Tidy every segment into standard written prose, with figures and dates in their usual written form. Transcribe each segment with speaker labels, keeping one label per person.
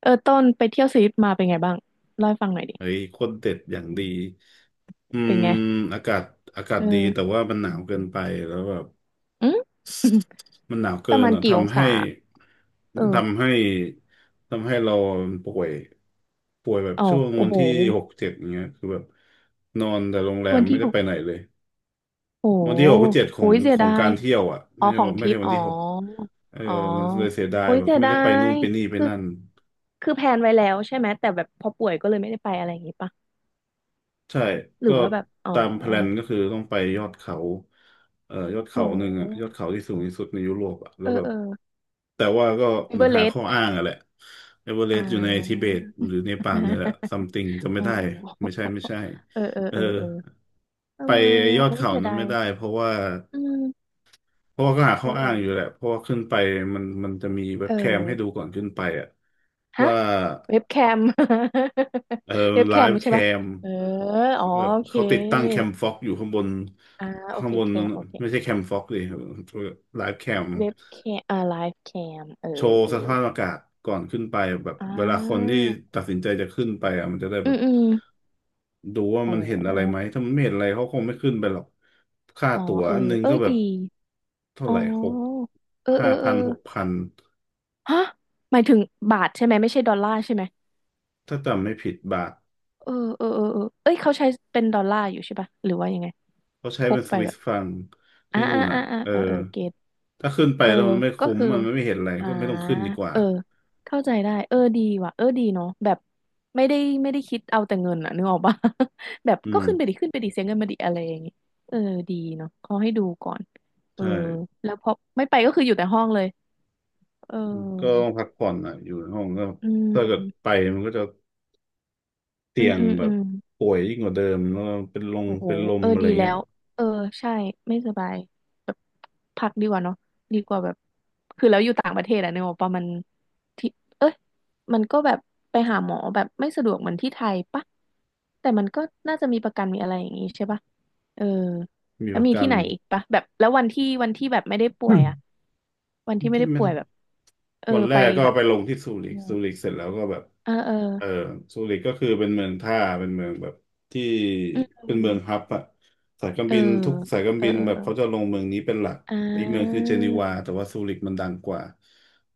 Speaker 1: เออต้นไปเที่ยวสวิตมาเป็นไงบ้างเล่าให้ฟังหน่อยดิ
Speaker 2: เฮ้ยคนเด็ดอย่างดีอื
Speaker 1: เป็
Speaker 2: ม
Speaker 1: นไง
Speaker 2: อากาศอากาศ
Speaker 1: เอ
Speaker 2: ดีแต่
Speaker 1: อ
Speaker 2: ว่ามันหนาวเกินไปแล้วแบบ
Speaker 1: อืม
Speaker 2: มันหนาว
Speaker 1: ป
Speaker 2: เกิ
Speaker 1: ระ
Speaker 2: น
Speaker 1: มาณ
Speaker 2: อ่ะ
Speaker 1: กี่อง
Speaker 2: ทำให้
Speaker 1: ศาเอ
Speaker 2: มัน
Speaker 1: อ
Speaker 2: ทำให้เราป่วยป่วยแบบ
Speaker 1: เอา
Speaker 2: ช่วง
Speaker 1: โอ้
Speaker 2: วัน
Speaker 1: โห
Speaker 2: ที่หกเจ็ดอย่างเงี้ยคือแบบนอนแต่โรงแรม
Speaker 1: วัน
Speaker 2: ไม่
Speaker 1: ที่
Speaker 2: ได้
Speaker 1: หก
Speaker 2: ไปไหนเลย
Speaker 1: โอ้โห
Speaker 2: วันที่หกเจ็ดขอ
Speaker 1: โอ้
Speaker 2: ง
Speaker 1: ยเสี
Speaker 2: ข
Speaker 1: ย
Speaker 2: อ
Speaker 1: ดา
Speaker 2: งกา
Speaker 1: ย
Speaker 2: รเที่ยวอ่ะ
Speaker 1: อ๋
Speaker 2: ไม่
Speaker 1: อ
Speaker 2: ใช่
Speaker 1: ของท
Speaker 2: ไม่
Speaker 1: ริ
Speaker 2: ใช่
Speaker 1: ป
Speaker 2: วัน
Speaker 1: อ๋อ
Speaker 2: ที่หกเออ
Speaker 1: อ๋อ
Speaker 2: มันเลยเสียดาย
Speaker 1: โอ้ย
Speaker 2: แบบ
Speaker 1: เสีย
Speaker 2: ไม่
Speaker 1: ดา
Speaker 2: ได้ไปนู่น
Speaker 1: ย
Speaker 2: ไปนี่ไป
Speaker 1: คือ
Speaker 2: นั่น
Speaker 1: คือแพลนไว้แล้วใช่ไหมแต่แบบพอป่วยก็เลยไม่ได้ไปอะไรอย่างงี้ปะ
Speaker 2: ใช่
Speaker 1: หรือ
Speaker 2: ก็
Speaker 1: ว่าแบบอ๋อ
Speaker 2: ตามแพลนก็คือต้องไปยอดเขายอดเขา
Speaker 1: โอ้
Speaker 2: หนึ่
Speaker 1: โห
Speaker 2: งอะยอดเขาที่สูงที่สุดในยุโรปอะแล้
Speaker 1: เอ
Speaker 2: ว
Speaker 1: อ
Speaker 2: แบบ
Speaker 1: เออ
Speaker 2: แต่ว่าก็
Speaker 1: เอ
Speaker 2: เหมื
Speaker 1: เว
Speaker 2: อน
Speaker 1: อเร
Speaker 2: หา
Speaker 1: ส
Speaker 2: ข้อ
Speaker 1: ต์
Speaker 2: อ้างอะแหละเอเวอเร
Speaker 1: อ่
Speaker 2: สต์อยู่ในทิเบ
Speaker 1: า
Speaker 2: ตหรือเนปาลเนี่ยแหละ something จะไม่
Speaker 1: อ๋อ
Speaker 2: ได้ไม่ใช่
Speaker 1: เออเออ
Speaker 2: เออ
Speaker 1: เออเออ
Speaker 2: ไป
Speaker 1: ทำไม
Speaker 2: ย
Speaker 1: อ่ะ
Speaker 2: อด
Speaker 1: โอ้ย
Speaker 2: เขา
Speaker 1: เสีย
Speaker 2: นั้
Speaker 1: ดา
Speaker 2: นไม่
Speaker 1: ย
Speaker 2: ได้เพราะว่า
Speaker 1: อืม
Speaker 2: ก็หา
Speaker 1: เอ
Speaker 2: ข้อ
Speaker 1: อเอ
Speaker 2: อ้าง
Speaker 1: อ
Speaker 2: อยู่แหละเพราะว่าขึ้นไปมันจะมีเว็
Speaker 1: เอ
Speaker 2: บแคมให้ดู
Speaker 1: อ
Speaker 2: ก่อนขึ้นไปอะ
Speaker 1: ฮะ
Speaker 2: ว่า
Speaker 1: เว็บแคม
Speaker 2: เออ
Speaker 1: เว็บ
Speaker 2: ไล
Speaker 1: แคม
Speaker 2: ฟ์ แค
Speaker 1: ใช่ปะ
Speaker 2: ม
Speaker 1: เอออ๋อ
Speaker 2: แบบ
Speaker 1: โอเค
Speaker 2: เขาติดตั้งแคมฟ็อกอยู่ข้างบน
Speaker 1: อ่าโอ
Speaker 2: ข้าง
Speaker 1: เค
Speaker 2: บน
Speaker 1: แค
Speaker 2: นั้น
Speaker 1: ม
Speaker 2: น่ะ
Speaker 1: โอเค
Speaker 2: ไม่ใช่แคมฟ็อกดยไลฟ์แคม
Speaker 1: เว็บแคมอ่าไลฟ์แคมเอ
Speaker 2: โช
Speaker 1: อ
Speaker 2: ว์
Speaker 1: เออ
Speaker 2: สภาพอากาศก่อนขึ้นไปแบบ
Speaker 1: อ่
Speaker 2: เวลาคน
Speaker 1: า
Speaker 2: ที่ตัดสินใจจะขึ้นไปอ่ะมันจะได้
Speaker 1: อื
Speaker 2: แบบ
Speaker 1: มอืม
Speaker 2: ดูว่า
Speaker 1: อ๋
Speaker 2: มันเห็นอะไรไหม
Speaker 1: อ
Speaker 2: ถ้ามันไม่เห็นอะไรเขาคงไม่ขึ้นไปหรอกค่า
Speaker 1: อ๋อ
Speaker 2: ตั๋ว
Speaker 1: เออ
Speaker 2: อันนึง
Speaker 1: เอ้
Speaker 2: ก็
Speaker 1: ย
Speaker 2: แบ
Speaker 1: ดี
Speaker 2: บเท่า
Speaker 1: อ๋
Speaker 2: ไหร่หก
Speaker 1: อเออเอ
Speaker 2: ห้า
Speaker 1: อเอ
Speaker 2: พั
Speaker 1: อ
Speaker 2: นหกพัน
Speaker 1: ฮะหมายถึงบาทใช่ไหมไม่ใช่ดอลลาร์ใช่ไหม
Speaker 2: ถ้าจำไม่ผิดบาท
Speaker 1: เออเออเออเออเอ้ยเขาใช้เป็นดอลลาร์อยู่ใช่ปะหรือว่ายังไง
Speaker 2: เขาใช้
Speaker 1: พ
Speaker 2: เป็
Speaker 1: ก
Speaker 2: นส
Speaker 1: ไป
Speaker 2: วิ
Speaker 1: แบ
Speaker 2: ส
Speaker 1: บ
Speaker 2: ฟัง
Speaker 1: อ่า
Speaker 2: ที่นู่
Speaker 1: อ่า
Speaker 2: นอ่ะ
Speaker 1: อ่าอ่า
Speaker 2: เออ
Speaker 1: เออเออเก
Speaker 2: ถ้าขึ้นไป
Speaker 1: เออ
Speaker 2: แล้วมันไม่
Speaker 1: ก็
Speaker 2: คุ้ม
Speaker 1: คือ
Speaker 2: อะมันไม่เห็นอะไร
Speaker 1: อ่า
Speaker 2: ก็ไม่ต้องขึ้นดีกว่า
Speaker 1: เออเข้าใจได้เออดีว่ะเออดีเนาะแบบไม่ได้ไม่ได้คิดเอาแต่เงินอะนึกออกปะ แบบ
Speaker 2: อื
Speaker 1: ก็
Speaker 2: ม
Speaker 1: ขึ้นไปดิขึ้นไปดิเสียเงินมาดิอะไรอย่างงี้เออดีเนาะเขาให้ดูก่อนเออ
Speaker 2: ใช่
Speaker 1: แล้วพอไม่ไปก็คืออยู่แต่ห้องเลยเ
Speaker 2: อืมก็ต้
Speaker 1: ออ
Speaker 2: องพักผ่อนอ่ะอยู่ในห้องก็
Speaker 1: อื
Speaker 2: ถ้าเกิดไป
Speaker 1: ม
Speaker 2: มันก็จะ
Speaker 1: อื
Speaker 2: เตี
Speaker 1: ม
Speaker 2: ยง
Speaker 1: อืม
Speaker 2: แบ
Speaker 1: อื
Speaker 2: บ
Speaker 1: ม
Speaker 2: ป่วยยิ่งกว่าเดิมแล้วเป็นลง
Speaker 1: โอ้โห
Speaker 2: เป็นล
Speaker 1: เอ
Speaker 2: ม
Speaker 1: อ
Speaker 2: อะไร
Speaker 1: ดีแล้
Speaker 2: เงี้ย
Speaker 1: ว เออใช่ไม่สบายแบบพักดีกว่าเนาะดีกว่าแบบ คือแล้วอยู่ต่างประเทศอะเนบอกว่ามันที่เอ้ยมันก็แบบไปหาหมอแบบไม่สะดวกเหมือนที่ไทยปะแต่มันก็น่าจะมีประกันมีอะไรอย่างงี้ใช่ปะเออ
Speaker 2: มี
Speaker 1: แล้
Speaker 2: ป
Speaker 1: ว
Speaker 2: ระ
Speaker 1: มี
Speaker 2: กั
Speaker 1: ที่
Speaker 2: น
Speaker 1: ไหนอีกปะแบบแล้ววันที่วันที่แบบไม่ได้ป่วย อะวันที่ไม่
Speaker 2: ที่
Speaker 1: ได้
Speaker 2: ไม่
Speaker 1: ป่ว
Speaker 2: ได้
Speaker 1: ยแบบเออ
Speaker 2: วันแร
Speaker 1: ไป
Speaker 2: กก็
Speaker 1: แบบ
Speaker 2: ไปลงที่ซูริ
Speaker 1: อ
Speaker 2: กซูริกเสร็จแล้วก็แบบ
Speaker 1: เออเออ
Speaker 2: เออซูริกก็คือเป็นเมืองท่าเป็นเมืองแบบที่
Speaker 1: อืม
Speaker 2: เป็นเมืองฮับอะสายการ
Speaker 1: เออ
Speaker 2: บินทุกสายการ
Speaker 1: เออ
Speaker 2: บิน
Speaker 1: เออ
Speaker 2: แบบ
Speaker 1: เออ
Speaker 2: เขาจะลงเมืองนี้เป็นหลัก
Speaker 1: อ่
Speaker 2: อีกเมืองคือ
Speaker 1: า
Speaker 2: เจนีวาแต่ว่าซูริกมันดังกว่า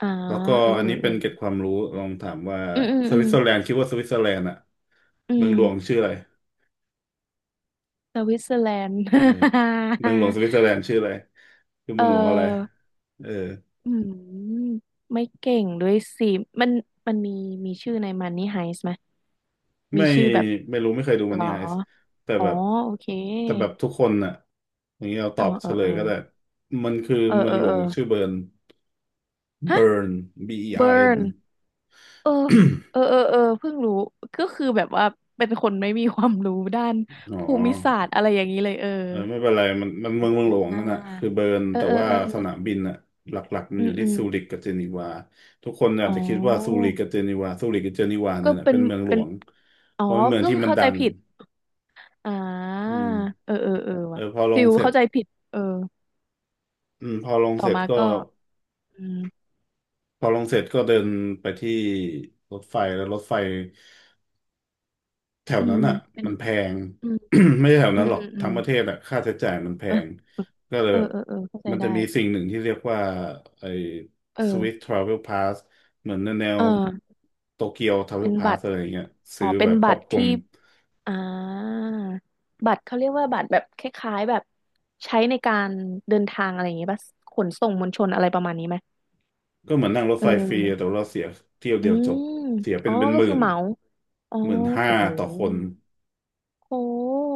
Speaker 1: อ่า
Speaker 2: แล้วก็
Speaker 1: เออ
Speaker 2: อันนี้
Speaker 1: เอ
Speaker 2: เป็
Speaker 1: อ
Speaker 2: นเกร็ด
Speaker 1: เอ
Speaker 2: ความ
Speaker 1: อ
Speaker 2: รู้ลองถามว่า
Speaker 1: อืมอืม
Speaker 2: ส
Speaker 1: อื
Speaker 2: วิ
Speaker 1: ม
Speaker 2: ตเซอร์แลนด์คิดว่าสวิตเซอร์แลนด์อะ
Speaker 1: อื
Speaker 2: เมืองห
Speaker 1: ม
Speaker 2: ลวงชื่ออะไร
Speaker 1: สวิตเซอร์แลนด์
Speaker 2: เออเมืองหลวงสวิตเซอร์แล นด์ชื่ออะไรคือ
Speaker 1: เอ
Speaker 2: เมืองหลวงอะไร
Speaker 1: อ
Speaker 2: เออ
Speaker 1: อืมไม่เก่งด้วยสิมันมันมีมีชื่อในมันนี่ไฮส์ไหมมี
Speaker 2: ไม่
Speaker 1: ชื่อแบบ
Speaker 2: ไม่รู้ไม่เคยดูมั
Speaker 1: ห
Speaker 2: น
Speaker 1: รอ
Speaker 2: นี่ไอซ์แต่
Speaker 1: อ๋อ
Speaker 2: แบบ
Speaker 1: โอเค
Speaker 2: ทุกคนน่ะอย่างนี้เราต
Speaker 1: อ๋อ
Speaker 2: อบ
Speaker 1: เอ
Speaker 2: เฉ
Speaker 1: อ
Speaker 2: ล
Speaker 1: เอ
Speaker 2: ย
Speaker 1: อ
Speaker 2: ก็ได้มันคือ
Speaker 1: เออ
Speaker 2: เมือ
Speaker 1: เอ
Speaker 2: ง
Speaker 1: อ
Speaker 2: หล
Speaker 1: เอ
Speaker 2: ว
Speaker 1: อ
Speaker 2: งชื่อเบิร์น
Speaker 1: ฮะ
Speaker 2: เบิร์น B E
Speaker 1: เบิ
Speaker 2: R N
Speaker 1: ร์น
Speaker 2: อาร์เอ็น
Speaker 1: เออเออเออเออเพิ่งรู้ก็คือแบบว่าเป็นคนไม่มีความรู้ด้าน
Speaker 2: อ๋อ
Speaker 1: ภูมิศาสตร์อะไรอย่างนี้เลยเออ
Speaker 2: เออไม่เป็นไรมันเมือ
Speaker 1: อ
Speaker 2: งหลวง
Speaker 1: ่า
Speaker 2: นั่นน่ะคือเบิร์น
Speaker 1: เออ
Speaker 2: แต่
Speaker 1: เออ
Speaker 2: ว่า
Speaker 1: เออ
Speaker 2: ส
Speaker 1: เอ
Speaker 2: นา
Speaker 1: อ
Speaker 2: มบินน่ะหลักๆมัน
Speaker 1: อื
Speaker 2: อ
Speaker 1: ม
Speaker 2: ยู่
Speaker 1: อื
Speaker 2: ที่
Speaker 1: ม
Speaker 2: ซูริกกับเจนีวาทุกคนอา
Speaker 1: อ๋
Speaker 2: จ
Speaker 1: อ
Speaker 2: จะคิดว่าซูริกกับเจนีวาซูริกกับเจนีวาเนี่
Speaker 1: ก็
Speaker 2: ยแหละ
Speaker 1: เป็
Speaker 2: เป็
Speaker 1: น
Speaker 2: นเมืองหล
Speaker 1: เป็น
Speaker 2: วง
Speaker 1: อ๋อ
Speaker 2: เพราะเป็นเมือง
Speaker 1: ก็
Speaker 2: ที่
Speaker 1: คือ
Speaker 2: มัน
Speaker 1: เข้า
Speaker 2: ดั
Speaker 1: ใจ
Speaker 2: ง
Speaker 1: ผิดอ่า
Speaker 2: อืม
Speaker 1: เออเออเออ
Speaker 2: เอ
Speaker 1: ว่ะ
Speaker 2: อพอล
Speaker 1: ฟิ
Speaker 2: ง
Speaker 1: ล
Speaker 2: เสร็จ
Speaker 1: เข้าใจผิดเออ
Speaker 2: อืม
Speaker 1: ต่อมาก็อืม
Speaker 2: พอลงเสร็จก็เดินไปที่รถไฟแล้วรถไฟแถว
Speaker 1: อื
Speaker 2: นั้
Speaker 1: ม
Speaker 2: นอ่ะ
Speaker 1: เป็น
Speaker 2: มันแพง
Speaker 1: อืม
Speaker 2: ไม่ใช่แถว
Speaker 1: อื
Speaker 2: นั้
Speaker 1: ม
Speaker 2: นหรอ
Speaker 1: อื
Speaker 2: ก
Speaker 1: มอื
Speaker 2: ทั้
Speaker 1: ม
Speaker 2: งประเทศอ่ะค่าใช้จ่ายมันแพ
Speaker 1: เออ
Speaker 2: งก็เลย
Speaker 1: เออ
Speaker 2: แบบ
Speaker 1: เออเออเข้าใจ
Speaker 2: มันจะ
Speaker 1: ได้
Speaker 2: มีสิ่งหนึ่งที่เรียกว่าไอ้
Speaker 1: เออ
Speaker 2: Swiss Travel Pass เหมือนแน
Speaker 1: เอ
Speaker 2: ว
Speaker 1: อ
Speaker 2: โตเกียว
Speaker 1: เป็
Speaker 2: Travel
Speaker 1: นบั
Speaker 2: Pass
Speaker 1: ตร
Speaker 2: อะไรอย่างเงี้ย
Speaker 1: อ๋
Speaker 2: ซื้
Speaker 1: อ
Speaker 2: อ
Speaker 1: เป็
Speaker 2: แบ
Speaker 1: น
Speaker 2: บคร
Speaker 1: บั
Speaker 2: อบ
Speaker 1: ตร
Speaker 2: คลุม
Speaker 1: ที่อ่าบัตรเขาเรียกว่าบัตรแบบคล้ายๆแบบใช้ในการเดินทางอะไรอย่างเงี้ยป่ะขนส่งมวลชนอะไรประมาณนี้ไหม
Speaker 2: ก็เหมือนนั่งรถ
Speaker 1: เอ
Speaker 2: ไฟฟรีแต่
Speaker 1: อ
Speaker 2: ว่าเราเสียเที่ยว
Speaker 1: อื
Speaker 2: เดียวจบ
Speaker 1: ม
Speaker 2: เสียเป็
Speaker 1: อ๋อ
Speaker 2: นเป็น
Speaker 1: ก็
Speaker 2: หมื่
Speaker 1: คือ
Speaker 2: น
Speaker 1: เหมาอ๋อ
Speaker 2: หมื่นห้า
Speaker 1: โอ้โห
Speaker 2: ต่อคน
Speaker 1: โอ้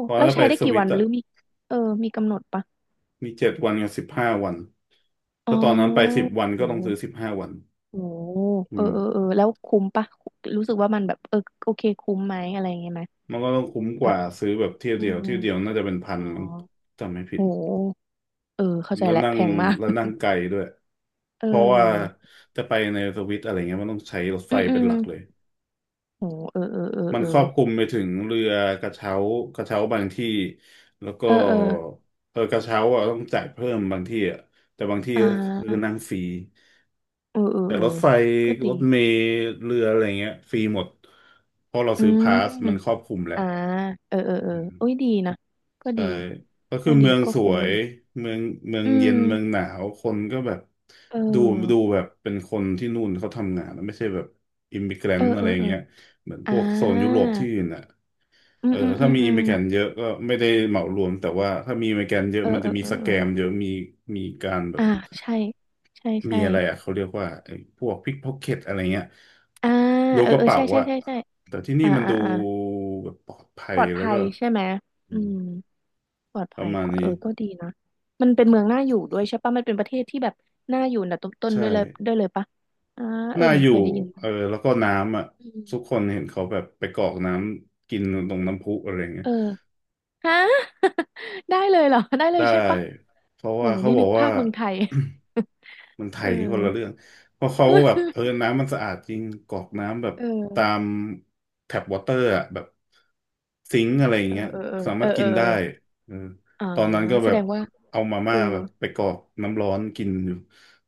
Speaker 2: เพอะ
Speaker 1: แล้ว
Speaker 2: ล้าไป
Speaker 1: ใช้ได้
Speaker 2: ส
Speaker 1: กี่
Speaker 2: วิต
Speaker 1: วันห
Speaker 2: อ่ะ
Speaker 1: รือมีเออมีกำหนดปะ
Speaker 2: มี7 วันกับสิบห้าวัน
Speaker 1: อ๋
Speaker 2: ถ้าตอนนั้นไป
Speaker 1: อ
Speaker 2: 10 วันก็ต้องซื้
Speaker 1: โห
Speaker 2: อสิบห้าวัน
Speaker 1: โห
Speaker 2: อื
Speaker 1: เออ
Speaker 2: ม
Speaker 1: เออเออแล้วคุ้มปะรู้สึกว่ามันแบบเออโอเคคุ้มไหมอะไรอย่างเงี้ยไหม
Speaker 2: มันก็ต้องคุ้มก
Speaker 1: แบ
Speaker 2: ว่า
Speaker 1: บ
Speaker 2: ซื้อแบบเที่ยว
Speaker 1: อื
Speaker 2: เดียว
Speaker 1: ม
Speaker 2: น่าจะเป็นพัน
Speaker 1: อ๋อ
Speaker 2: มั้งจำไม่ผิ
Speaker 1: โ
Speaker 2: ด
Speaker 1: หเออเข้าใจ
Speaker 2: แล้ว
Speaker 1: แล้ว
Speaker 2: นั่
Speaker 1: แพ
Speaker 2: ง
Speaker 1: งมาก
Speaker 2: แล้วนั่งไกลด้วย
Speaker 1: เ
Speaker 2: เพราะว่า
Speaker 1: ออ
Speaker 2: จะไปในสวิตอะไรเงี้ยมันต้องใช้รถไฟ
Speaker 1: อืมอื
Speaker 2: เป็น
Speaker 1: ม
Speaker 2: หลักเลย
Speaker 1: โหเออเออเออ
Speaker 2: มัน
Speaker 1: เออ
Speaker 2: ครอบคลุมไปถึงเรือกระเช้ากระเช้าบางที่แล้วก็
Speaker 1: เออเออ
Speaker 2: เออกระเช้าอ่ะต้องจ่ายเพิ่มบางที่อ่ะแต่บางที่
Speaker 1: อ่
Speaker 2: ก็คือ
Speaker 1: า
Speaker 2: นั่งฟรี
Speaker 1: เออเออ
Speaker 2: แต่
Speaker 1: เออ
Speaker 2: รถไฟ
Speaker 1: ก็
Speaker 2: ร
Speaker 1: ดี
Speaker 2: ถเมล์เรืออะไรเงี้ยฟรีหมดเพราะเรา
Speaker 1: อื
Speaker 2: ซื้อพาส
Speaker 1: ม
Speaker 2: มันครอบคลุมแหละ
Speaker 1: อ่าเออเออเออ
Speaker 2: อืม
Speaker 1: โอ้ยดีนะก็
Speaker 2: ใช่
Speaker 1: ดี
Speaker 2: ก็คื
Speaker 1: ก็
Speaker 2: อ
Speaker 1: ดี
Speaker 2: เมือง
Speaker 1: ก็
Speaker 2: ส
Speaker 1: คุ้
Speaker 2: ว
Speaker 1: ม
Speaker 2: ย
Speaker 1: ดี
Speaker 2: เมืองเมือง
Speaker 1: อื
Speaker 2: เย็นเมืองห
Speaker 1: ม
Speaker 2: นาวคนก็แบบ
Speaker 1: เอ
Speaker 2: ดูดู
Speaker 1: อ
Speaker 2: แบบเป็นคนที่นู่นเขาทำงานไม่ใช่แบบอิมมิเกร
Speaker 1: เอ
Speaker 2: น
Speaker 1: อ
Speaker 2: ต์อะ
Speaker 1: เอ
Speaker 2: ไร
Speaker 1: อเออ
Speaker 2: เงี้ยเหมือนพ
Speaker 1: อ่า
Speaker 2: วกโซนยุโรปที่อื่นอ่ะ
Speaker 1: อื
Speaker 2: เอ
Speaker 1: ม
Speaker 2: อ
Speaker 1: อืมอื
Speaker 2: ถ้า
Speaker 1: ม
Speaker 2: มี
Speaker 1: อื
Speaker 2: อิม
Speaker 1: ม
Speaker 2: เมแกนเยอะก็ไม่ได้เหมารวมแต่ว่าถ้ามีอิมเมแกนเยอะ
Speaker 1: เออ
Speaker 2: มัน
Speaker 1: เอ
Speaker 2: จะ
Speaker 1: อ
Speaker 2: มี
Speaker 1: เออ
Speaker 2: ส
Speaker 1: เอ
Speaker 2: แก
Speaker 1: อ
Speaker 2: มเยอะมีการแบบ
Speaker 1: อ่าใช่ ใช่
Speaker 2: มี
Speaker 1: ใช่
Speaker 2: อะไรอ่ะเขาเรียกว่าไอ้พวกพิกพ็อกเก็ตอะไรเงี้ย
Speaker 1: อ่า
Speaker 2: ล้วง
Speaker 1: เออ
Speaker 2: กระ
Speaker 1: เออ
Speaker 2: เป๋า
Speaker 1: ใช่ใช่
Speaker 2: อะ
Speaker 1: ใช่ใช่
Speaker 2: แต่ที่นี่
Speaker 1: อ่า
Speaker 2: มัน
Speaker 1: อ่า
Speaker 2: ดู
Speaker 1: อ่า
Speaker 2: แบบปลอดภั
Speaker 1: ป
Speaker 2: ย
Speaker 1: ลอด
Speaker 2: แล้ว
Speaker 1: ภั
Speaker 2: ก็
Speaker 1: ยใช่ไหม
Speaker 2: อื
Speaker 1: อื
Speaker 2: ม
Speaker 1: มปลอด
Speaker 2: ป
Speaker 1: ภั
Speaker 2: ระ
Speaker 1: ย
Speaker 2: มาณ
Speaker 1: กว่าเอ
Speaker 2: นี้
Speaker 1: อก็ดีนะมันเป็นเมืองน่าอยู่ด้วยใช่ปะมันเป็นประเทศที่แบบน่าอยู่นดต้นๆด้
Speaker 2: ใช่
Speaker 1: วยเลยด้วยเลยปะอ่าเออ
Speaker 2: น่า
Speaker 1: เหมือ
Speaker 2: อ
Speaker 1: น
Speaker 2: ยู่
Speaker 1: เคยได้ยิน
Speaker 2: เอ
Speaker 1: มา
Speaker 2: อแล้วก็น้ำอ่ะ
Speaker 1: อื
Speaker 2: ทุกค
Speaker 1: ม
Speaker 2: นเห็นเขาแบบไปกรอกน้ำกินตรงน้ำพุอะไรเงี้ย
Speaker 1: เออฮะ ได้เลยเหรอได้เล
Speaker 2: ได้
Speaker 1: ยใช่ปะ
Speaker 2: เพราะ
Speaker 1: โอ้
Speaker 2: ว่า
Speaker 1: โห
Speaker 2: เขา
Speaker 1: นี่
Speaker 2: บ
Speaker 1: นึ
Speaker 2: อก
Speaker 1: ก
Speaker 2: ว่า
Speaker 1: ภาพเมืองไทย
Speaker 2: มันไท
Speaker 1: เอ
Speaker 2: ย
Speaker 1: อ
Speaker 2: นี่คนละเรื่องเพราะเขาแบบเออ น้ำมันสะอาดจริงกรอกน้ำแบบ
Speaker 1: เ
Speaker 2: ตา
Speaker 1: ออ
Speaker 2: มแท็บวอเตอร์อะแบบซิงค์อะไรอย่าง
Speaker 1: เออ
Speaker 2: เงี้ย
Speaker 1: เออเออ
Speaker 2: สา
Speaker 1: เอ
Speaker 2: มาร
Speaker 1: อ
Speaker 2: ถกิ
Speaker 1: เออ
Speaker 2: นได้
Speaker 1: เออ
Speaker 2: เออ
Speaker 1: อ๋อ
Speaker 2: ตอนนั้นก็
Speaker 1: แส
Speaker 2: แบ
Speaker 1: ด
Speaker 2: บ
Speaker 1: งว่า
Speaker 2: เอามา
Speaker 1: เอ
Speaker 2: ม่า
Speaker 1: อ
Speaker 2: แบบไปกรอกน้ำร้อนกินอยู่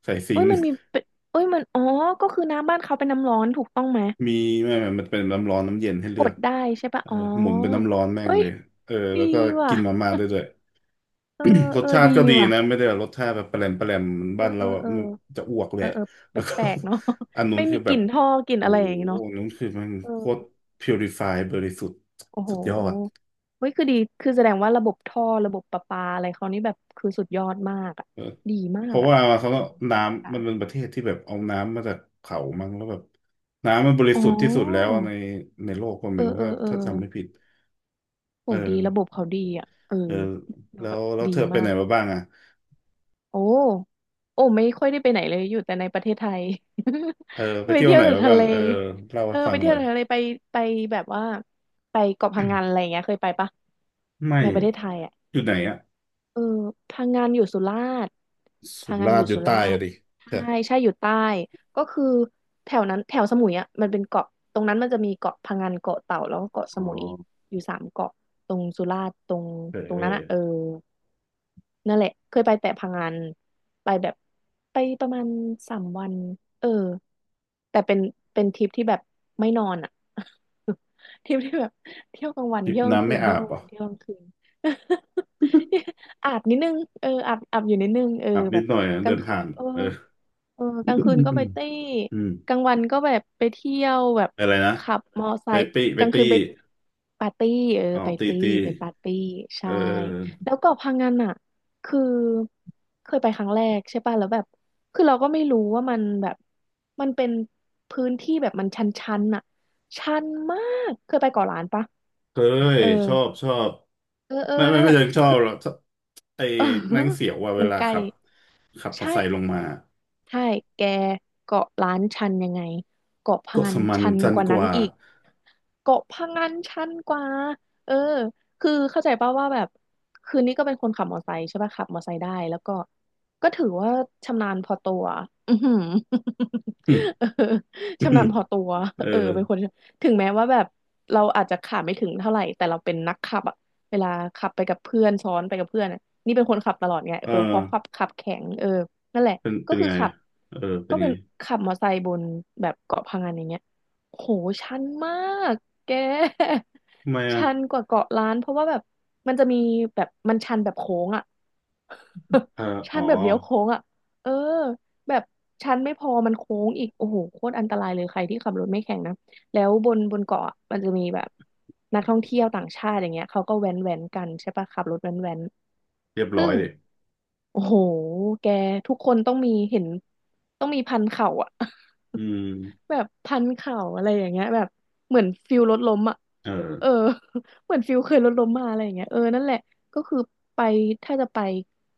Speaker 2: ใส่ซิ
Speaker 1: เอ้
Speaker 2: ง
Speaker 1: ย
Speaker 2: ค์
Speaker 1: มันมีเป็นเอ้ยมันอ๋อก็คือน้ำบ้านเขาเป็นน้ำร้อนถูกต้องไหม
Speaker 2: มีไม่ไม่มันเป็นน้ำร้อนน้ำเย็นให้เลื
Speaker 1: ก
Speaker 2: อ
Speaker 1: ด
Speaker 2: ก
Speaker 1: ได้ใช่ปะ
Speaker 2: เออ
Speaker 1: อ๋อ
Speaker 2: หมุนเป็นน้ำร้อนแม่ง
Speaker 1: เฮ้ย
Speaker 2: เลยเออ
Speaker 1: ดี
Speaker 2: แล้วก็
Speaker 1: ว่ะ
Speaker 2: กินมาม่าได้ด้วย
Speaker 1: เออ
Speaker 2: รส
Speaker 1: เออ
Speaker 2: ชา
Speaker 1: ดี
Speaker 2: ติก็ดีนะ
Speaker 1: ว่ะ
Speaker 2: ไม่ได้แบบรสชาติแบบแปลมแปลมเหมือน
Speaker 1: เออ
Speaker 2: บ้าน
Speaker 1: เอ
Speaker 2: เรา
Speaker 1: อ
Speaker 2: อะ
Speaker 1: เออ
Speaker 2: มันจะอ้วกแห
Speaker 1: เออ
Speaker 2: ละ
Speaker 1: เออแป
Speaker 2: แล้วก็
Speaker 1: ลกๆเนาะ
Speaker 2: อัน นู้
Speaker 1: ไม่
Speaker 2: นคื
Speaker 1: มี
Speaker 2: อ
Speaker 1: ก
Speaker 2: แบ
Speaker 1: ลิ่
Speaker 2: บ
Speaker 1: นท่อกลิ่น
Speaker 2: โอ้
Speaker 1: อะไร
Speaker 2: โห
Speaker 1: อย่างงี้เนาะ
Speaker 2: อันนู้นคือมัน
Speaker 1: เออ
Speaker 2: โคตรพิวริฟายบริสุทธิ์
Speaker 1: โอ้โห
Speaker 2: สุดยอด
Speaker 1: เฮ้ยคือดี คือแสดงว่าระบบท่อระบบประปาอะไรเขานี่แบบคือสุดยอดมากอ่ะ
Speaker 2: เออ
Speaker 1: ดีมา
Speaker 2: เพ
Speaker 1: ก
Speaker 2: ราะ
Speaker 1: อ่ะ
Speaker 2: ว่าเขาก็
Speaker 1: อืม
Speaker 2: น้ำมันเป็น
Speaker 1: ค่ะ
Speaker 2: ประเทศที่แบบเอาน้ำมาจากเขามั้งแล้วแบบน้ำมันบริ
Speaker 1: อ๋อ
Speaker 2: สุทธิ์ที่สุดแล้วในในโลกก็
Speaker 1: เอ
Speaker 2: ไม่
Speaker 1: อ
Speaker 2: รู้
Speaker 1: เออ
Speaker 2: ถ้า
Speaker 1: เออ
Speaker 2: จำไม่ผิดเอ
Speaker 1: โอ้ดีระบบ
Speaker 2: อ
Speaker 1: เขาดีอ่ะเออ
Speaker 2: เออ
Speaker 1: ดู
Speaker 2: แล้
Speaker 1: แบ
Speaker 2: ว
Speaker 1: บ
Speaker 2: แล้ว
Speaker 1: ดี
Speaker 2: เธอไป
Speaker 1: มา
Speaker 2: ไหน
Speaker 1: ก
Speaker 2: มาบ้างอ่ะ
Speaker 1: โอ้โอ้ไม่ค่อยได้ไปไหนเลยอยู่แต่ในประเทศไทย
Speaker 2: เออไป
Speaker 1: ไป
Speaker 2: เที่ยว
Speaker 1: เที่ย
Speaker 2: ไห
Speaker 1: ว
Speaker 2: น
Speaker 1: แต่
Speaker 2: มา
Speaker 1: ทะ
Speaker 2: บ้าง
Speaker 1: เล
Speaker 2: เออเล่า
Speaker 1: เออ
Speaker 2: ให้ฟั
Speaker 1: ไป
Speaker 2: งห
Speaker 1: เที่ย
Speaker 2: น่
Speaker 1: ว
Speaker 2: อย
Speaker 1: แต่ทะเลไปไปแบบว่าไปเกาะพังงานอะไรอย่างเงี้ยเคยไปปะ
Speaker 2: ไม่
Speaker 1: ในประเทศไทยอ่ะ
Speaker 2: อยู่ไหนอ่ะ
Speaker 1: เออพังงานอยู่สุราษฎร์
Speaker 2: สุ
Speaker 1: พังงาน
Speaker 2: รา
Speaker 1: อ
Speaker 2: ษฎ
Speaker 1: ยู่
Speaker 2: ร์อยู่
Speaker 1: สุรา
Speaker 2: ใต้
Speaker 1: ษ
Speaker 2: อะ
Speaker 1: ฎร์
Speaker 2: ดิใช่
Speaker 1: ใช่ใช่อยู่ใต้ก็คือแถวนั้นแถวสมุยอ่ะมันเป็นเกาะตรงนั้นมันจะมีเกาะพังงานเกาะเต่าแล้วก็เกาะส
Speaker 2: อ๋อ
Speaker 1: มุยอยู่สามเกาะตรงสุราษฎร์ตรง
Speaker 2: เออ
Speaker 1: ตร
Speaker 2: เอ
Speaker 1: งนั้น
Speaker 2: อ
Speaker 1: อ่ะเออ นั่นแหละเคยไปแต่พังงานไปแบบไปประมาณสามวันเออแต่เป็นเป็นทริปที่แบบไม่นอนอ่ะ ทริปที่แบบเที่ยวกลางวัน
Speaker 2: ทริป
Speaker 1: เที่ยวกลาง
Speaker 2: น้ำ
Speaker 1: คื
Speaker 2: ไม่
Speaker 1: นเที่ย
Speaker 2: อา
Speaker 1: ว
Speaker 2: บ
Speaker 1: กลาง
Speaker 2: เหรอ่ะ
Speaker 1: วันเที่ยวกลางคืน อาบนิดนึงเอออาบอยู่นิดนึงเออ
Speaker 2: อาบนิ
Speaker 1: แบ
Speaker 2: ด
Speaker 1: บ
Speaker 2: หน่อยนะ
Speaker 1: ก
Speaker 2: เดิ
Speaker 1: ลาง
Speaker 2: น
Speaker 1: คื
Speaker 2: ผ่า
Speaker 1: น
Speaker 2: น
Speaker 1: เออ
Speaker 2: เออ
Speaker 1: เออกลางคืนก็ไปเต้
Speaker 2: อื
Speaker 1: ก
Speaker 2: ม
Speaker 1: ลางวันก็แบบไปเที่ยวแบบ
Speaker 2: อะไรนะ
Speaker 1: ขับมอไซ
Speaker 2: ไป
Speaker 1: ค์
Speaker 2: ปี้ไป
Speaker 1: กลางคื
Speaker 2: ตี้
Speaker 1: นไปปาร์ตี้เออ
Speaker 2: อ๋อ
Speaker 1: ไป
Speaker 2: ตี
Speaker 1: ตี้
Speaker 2: ตี
Speaker 1: ไปปาร์ตี้
Speaker 2: เอ
Speaker 1: ใช่
Speaker 2: อ
Speaker 1: แล้วเกาะพังงานอ่ะ คือเคยไปครั้งแรกใช่ป่ะแล้วแบบคือเราก็ไม่รู้ว่ามันแบบมันเป็นพื้นที่แบบมันชันๆน่ะชันมากเคยไปเกาะล้านปะ
Speaker 2: เคย
Speaker 1: เ
Speaker 2: ชอบชอบ
Speaker 1: ออเออ
Speaker 2: ไม่ไม่
Speaker 1: นั่นแห
Speaker 2: ไม่
Speaker 1: ละ
Speaker 2: เชิงชอ
Speaker 1: คื
Speaker 2: บ
Speaker 1: อ
Speaker 2: หรอกชอบไอ้
Speaker 1: เออ
Speaker 2: นั่งเสียวว่าเว
Speaker 1: มัน
Speaker 2: ลา
Speaker 1: ใกล้
Speaker 2: ขับขับมอเตอร์ไซค์ล
Speaker 1: ใ
Speaker 2: งมา
Speaker 1: ช่แกเกาะล้านชันยังไงเกาะพะ
Speaker 2: ก็
Speaker 1: งั
Speaker 2: ส
Speaker 1: น
Speaker 2: มัน
Speaker 1: ชัน
Speaker 2: จัน
Speaker 1: กว่า
Speaker 2: ก
Speaker 1: นั้น
Speaker 2: ว่า
Speaker 1: อีก เกาะพะงันชันกว่าเออคือเข้าใจป่าวว่าแบบคืนนี้ก็เป็นคนขับมอไซค์ใช่ป่ะขับมอไซค์ได้แล้วก็ถือว่าชำนาญพอตัว อือหือ
Speaker 2: อื ม
Speaker 1: เออ
Speaker 2: อืม
Speaker 1: ชำนาญพอตัว
Speaker 2: เออ
Speaker 1: เออเป็นคนถึงแม้ว่าแบบเราอาจจะขับไม่ถึงเท่าไหร่แต่เราเป็นนักขับอะเวลาขับไปกับเพื่อนซ้อนไปกับเพื่อนอะนี่เป็นคนขับตลอดไง
Speaker 2: เออ
Speaker 1: เออเพราะขับแข็งเออนั่นแหละ
Speaker 2: เป็น
Speaker 1: ก็
Speaker 2: เป็น
Speaker 1: คือ
Speaker 2: ไง
Speaker 1: ขับ
Speaker 2: อะเออ เป็
Speaker 1: ก็
Speaker 2: น
Speaker 1: เป็
Speaker 2: ไง
Speaker 1: นขับมอไซค์บนแบบเกาะพะงันอย่างเงี้ยโหชันมาก แก
Speaker 2: ทำไม อ่ะ
Speaker 1: ชันกว่าเกาะล้านเพราะว่าแบบมันจะมีแบบมันชันแบบโค้งอ่ะ
Speaker 2: เออ
Speaker 1: ชั
Speaker 2: อ๋อ
Speaker 1: นแบบเลี้ยวโค้งอ่ะเออแบบชันไม่พอมันโค้งอีกโอ้โหโคตรอันตรายเลยใครที่ขับรถไม่แข็งนะแล้วบนเกาะอะมันจะมีแบบนักท่องเที่ยวต่างชาติอย่างเงี้ยเขาก็แว้นแว้นกันใช่ปะขับรถแว้นแว้น
Speaker 2: เรียบ
Speaker 1: ซึ่
Speaker 2: ร้อย
Speaker 1: ง
Speaker 2: ดิ
Speaker 1: โอ้โหแกทุกคนต้องมีเห็นต้องมีพันเข่าอ่ะ
Speaker 2: อืม
Speaker 1: แบบพันเข่าอะไรอย่างเงี้ยแบบเหมือนฟิลรถล้มอ่ะ
Speaker 2: เออ
Speaker 1: เออ เหมือนฟิลเคยรถล้มมาอะไรอย่างเงี้ยเออนั่นแหละก็คือไปถ้าจะไป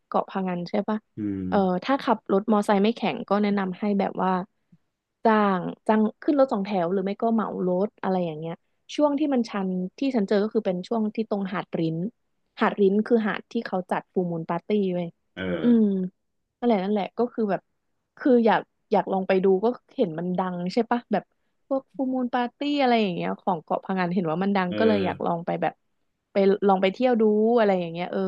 Speaker 1: เกาะพะงันใช่ปะ
Speaker 2: อืม
Speaker 1: เออถ้าขับรถมอไซค์ไม่แข็งก็แนะนำให้แบบว่าจ้างจ้างขึ้นรถสองแถวหรือไม่ก็เหมารถอะไรอย่างเงี้ยช่วงที่มันชันที่ฉันเจอก็คือเป็นช่วงที่ตรงหาดริ้นหาดริ้นคือหาดที่เขาจัดฟูลมูนปาร์ตี้เว้ย
Speaker 2: เอ
Speaker 1: อื
Speaker 2: อ
Speaker 1: มนั่นแหละก็คือแบบ คืออยากอยากลองไปดูก็เห็นมันดังใช่ปะแบบพวกฟูมูลปาร์ตี้อะไรอย่างเงี้ยของเกาะพะงันเห็นว่ามันดัง
Speaker 2: เออ
Speaker 1: ก็เลยอยากลองไปแบบไปลองไปเที่ยวดูอะไรอย่างเงี้ยเออ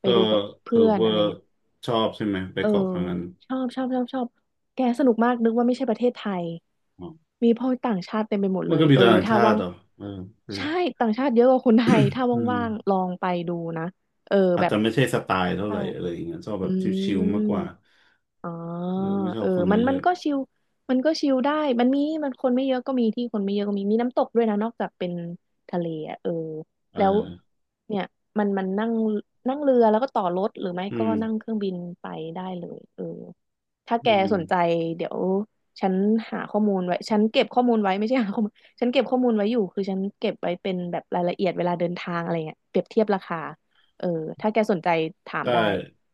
Speaker 1: ไป
Speaker 2: ก็
Speaker 1: ดูกับ
Speaker 2: ส
Speaker 1: เพื่
Speaker 2: รุ
Speaker 1: อ
Speaker 2: ป
Speaker 1: นอะ
Speaker 2: ว่า
Speaker 1: ไรเงี้ย
Speaker 2: ชอบใช่ไหมไป
Speaker 1: เออ
Speaker 2: เกาะพังงัน
Speaker 1: ชอบแกสนุกมากนึกว่าไม่ใช่ประเทศไทย
Speaker 2: อ๋อ
Speaker 1: มีพ่อต่างชาติเต็มไปหมด
Speaker 2: มั
Speaker 1: เล
Speaker 2: นก็
Speaker 1: ย
Speaker 2: มี
Speaker 1: เออ
Speaker 2: แต่ต่าง
Speaker 1: ถ้า
Speaker 2: ชา
Speaker 1: ว่า
Speaker 2: ติ
Speaker 1: ง
Speaker 2: เหรอเออเออ
Speaker 1: ใช่ต่างชาติเยอะกว่าคนไทยถ้า
Speaker 2: อื
Speaker 1: ว่างๆล
Speaker 2: ม
Speaker 1: องไปดูนะเออ
Speaker 2: อา
Speaker 1: แบ
Speaker 2: จ
Speaker 1: บ
Speaker 2: จะไม่ใช่สไตล์เท่าไห
Speaker 1: เข้า
Speaker 2: ร่อะไรอย่างเงี้ยชอบแบ
Speaker 1: อื
Speaker 2: บ
Speaker 1: ม
Speaker 2: ชิลๆมากกว่า
Speaker 1: อ๋อ
Speaker 2: เออไม่ชอ
Speaker 1: เอ
Speaker 2: บ
Speaker 1: อ
Speaker 2: คน
Speaker 1: มัน
Speaker 2: เย
Speaker 1: มัน
Speaker 2: อะ
Speaker 1: ก็ชิลมันก็ชิลได้มันมีมันคนไม่เยอะก็มีที่คนไม่เยอะก็มี มีน้ำตกด้วยนะนอกจากเป็นทะเลอ่ะเออ
Speaker 2: ๆเอ
Speaker 1: แล้ว
Speaker 2: อ
Speaker 1: เนี่ยมันมันนั่งนั่งเรือแล้วก็ต่อรถหรือไม่
Speaker 2: อื
Speaker 1: ก็
Speaker 2: ม
Speaker 1: นั่งเครื่องบินไปได้เลยเออถ้า
Speaker 2: อื
Speaker 1: แก
Speaker 2: ม
Speaker 1: สนใจเดี๋ยวฉันหาข้อมูลไว้ฉันเก็บข้อมูลไว้ไม่ใช่หาข้อมูลฉันเก็บข้อมูลไว้อยู่คือฉันเก็บไว้เป็นแบบรายละเอียดเวลาเดินทางอะไรเงี้ยเปรียบเทียบราคาเออถ้าแกสนใจถาม
Speaker 2: ได้
Speaker 1: ได้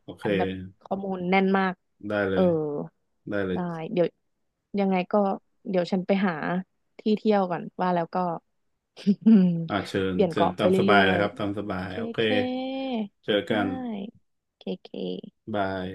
Speaker 2: โอเค
Speaker 1: ฉันแบบข้อมูลแน่นมาก
Speaker 2: ได้เล
Speaker 1: เออ
Speaker 2: ยได้เลย
Speaker 1: ได้เดี๋ยวยังไงก็เดี๋ยวฉันไปหาที่เที่ยวก่อนว่าแล้วก็
Speaker 2: อ่าเชิญ
Speaker 1: เปลี่ยน
Speaker 2: เชิญ
Speaker 1: เกาะ
Speaker 2: ตา
Speaker 1: ไป
Speaker 2: มสบา
Speaker 1: เรื่
Speaker 2: ยเล
Speaker 1: อ
Speaker 2: ย
Speaker 1: ย
Speaker 2: ครับตามสบาย
Speaker 1: ๆเค
Speaker 2: โอเค
Speaker 1: เค
Speaker 2: เจอกั
Speaker 1: ได้
Speaker 2: น
Speaker 1: เคเค
Speaker 2: บาย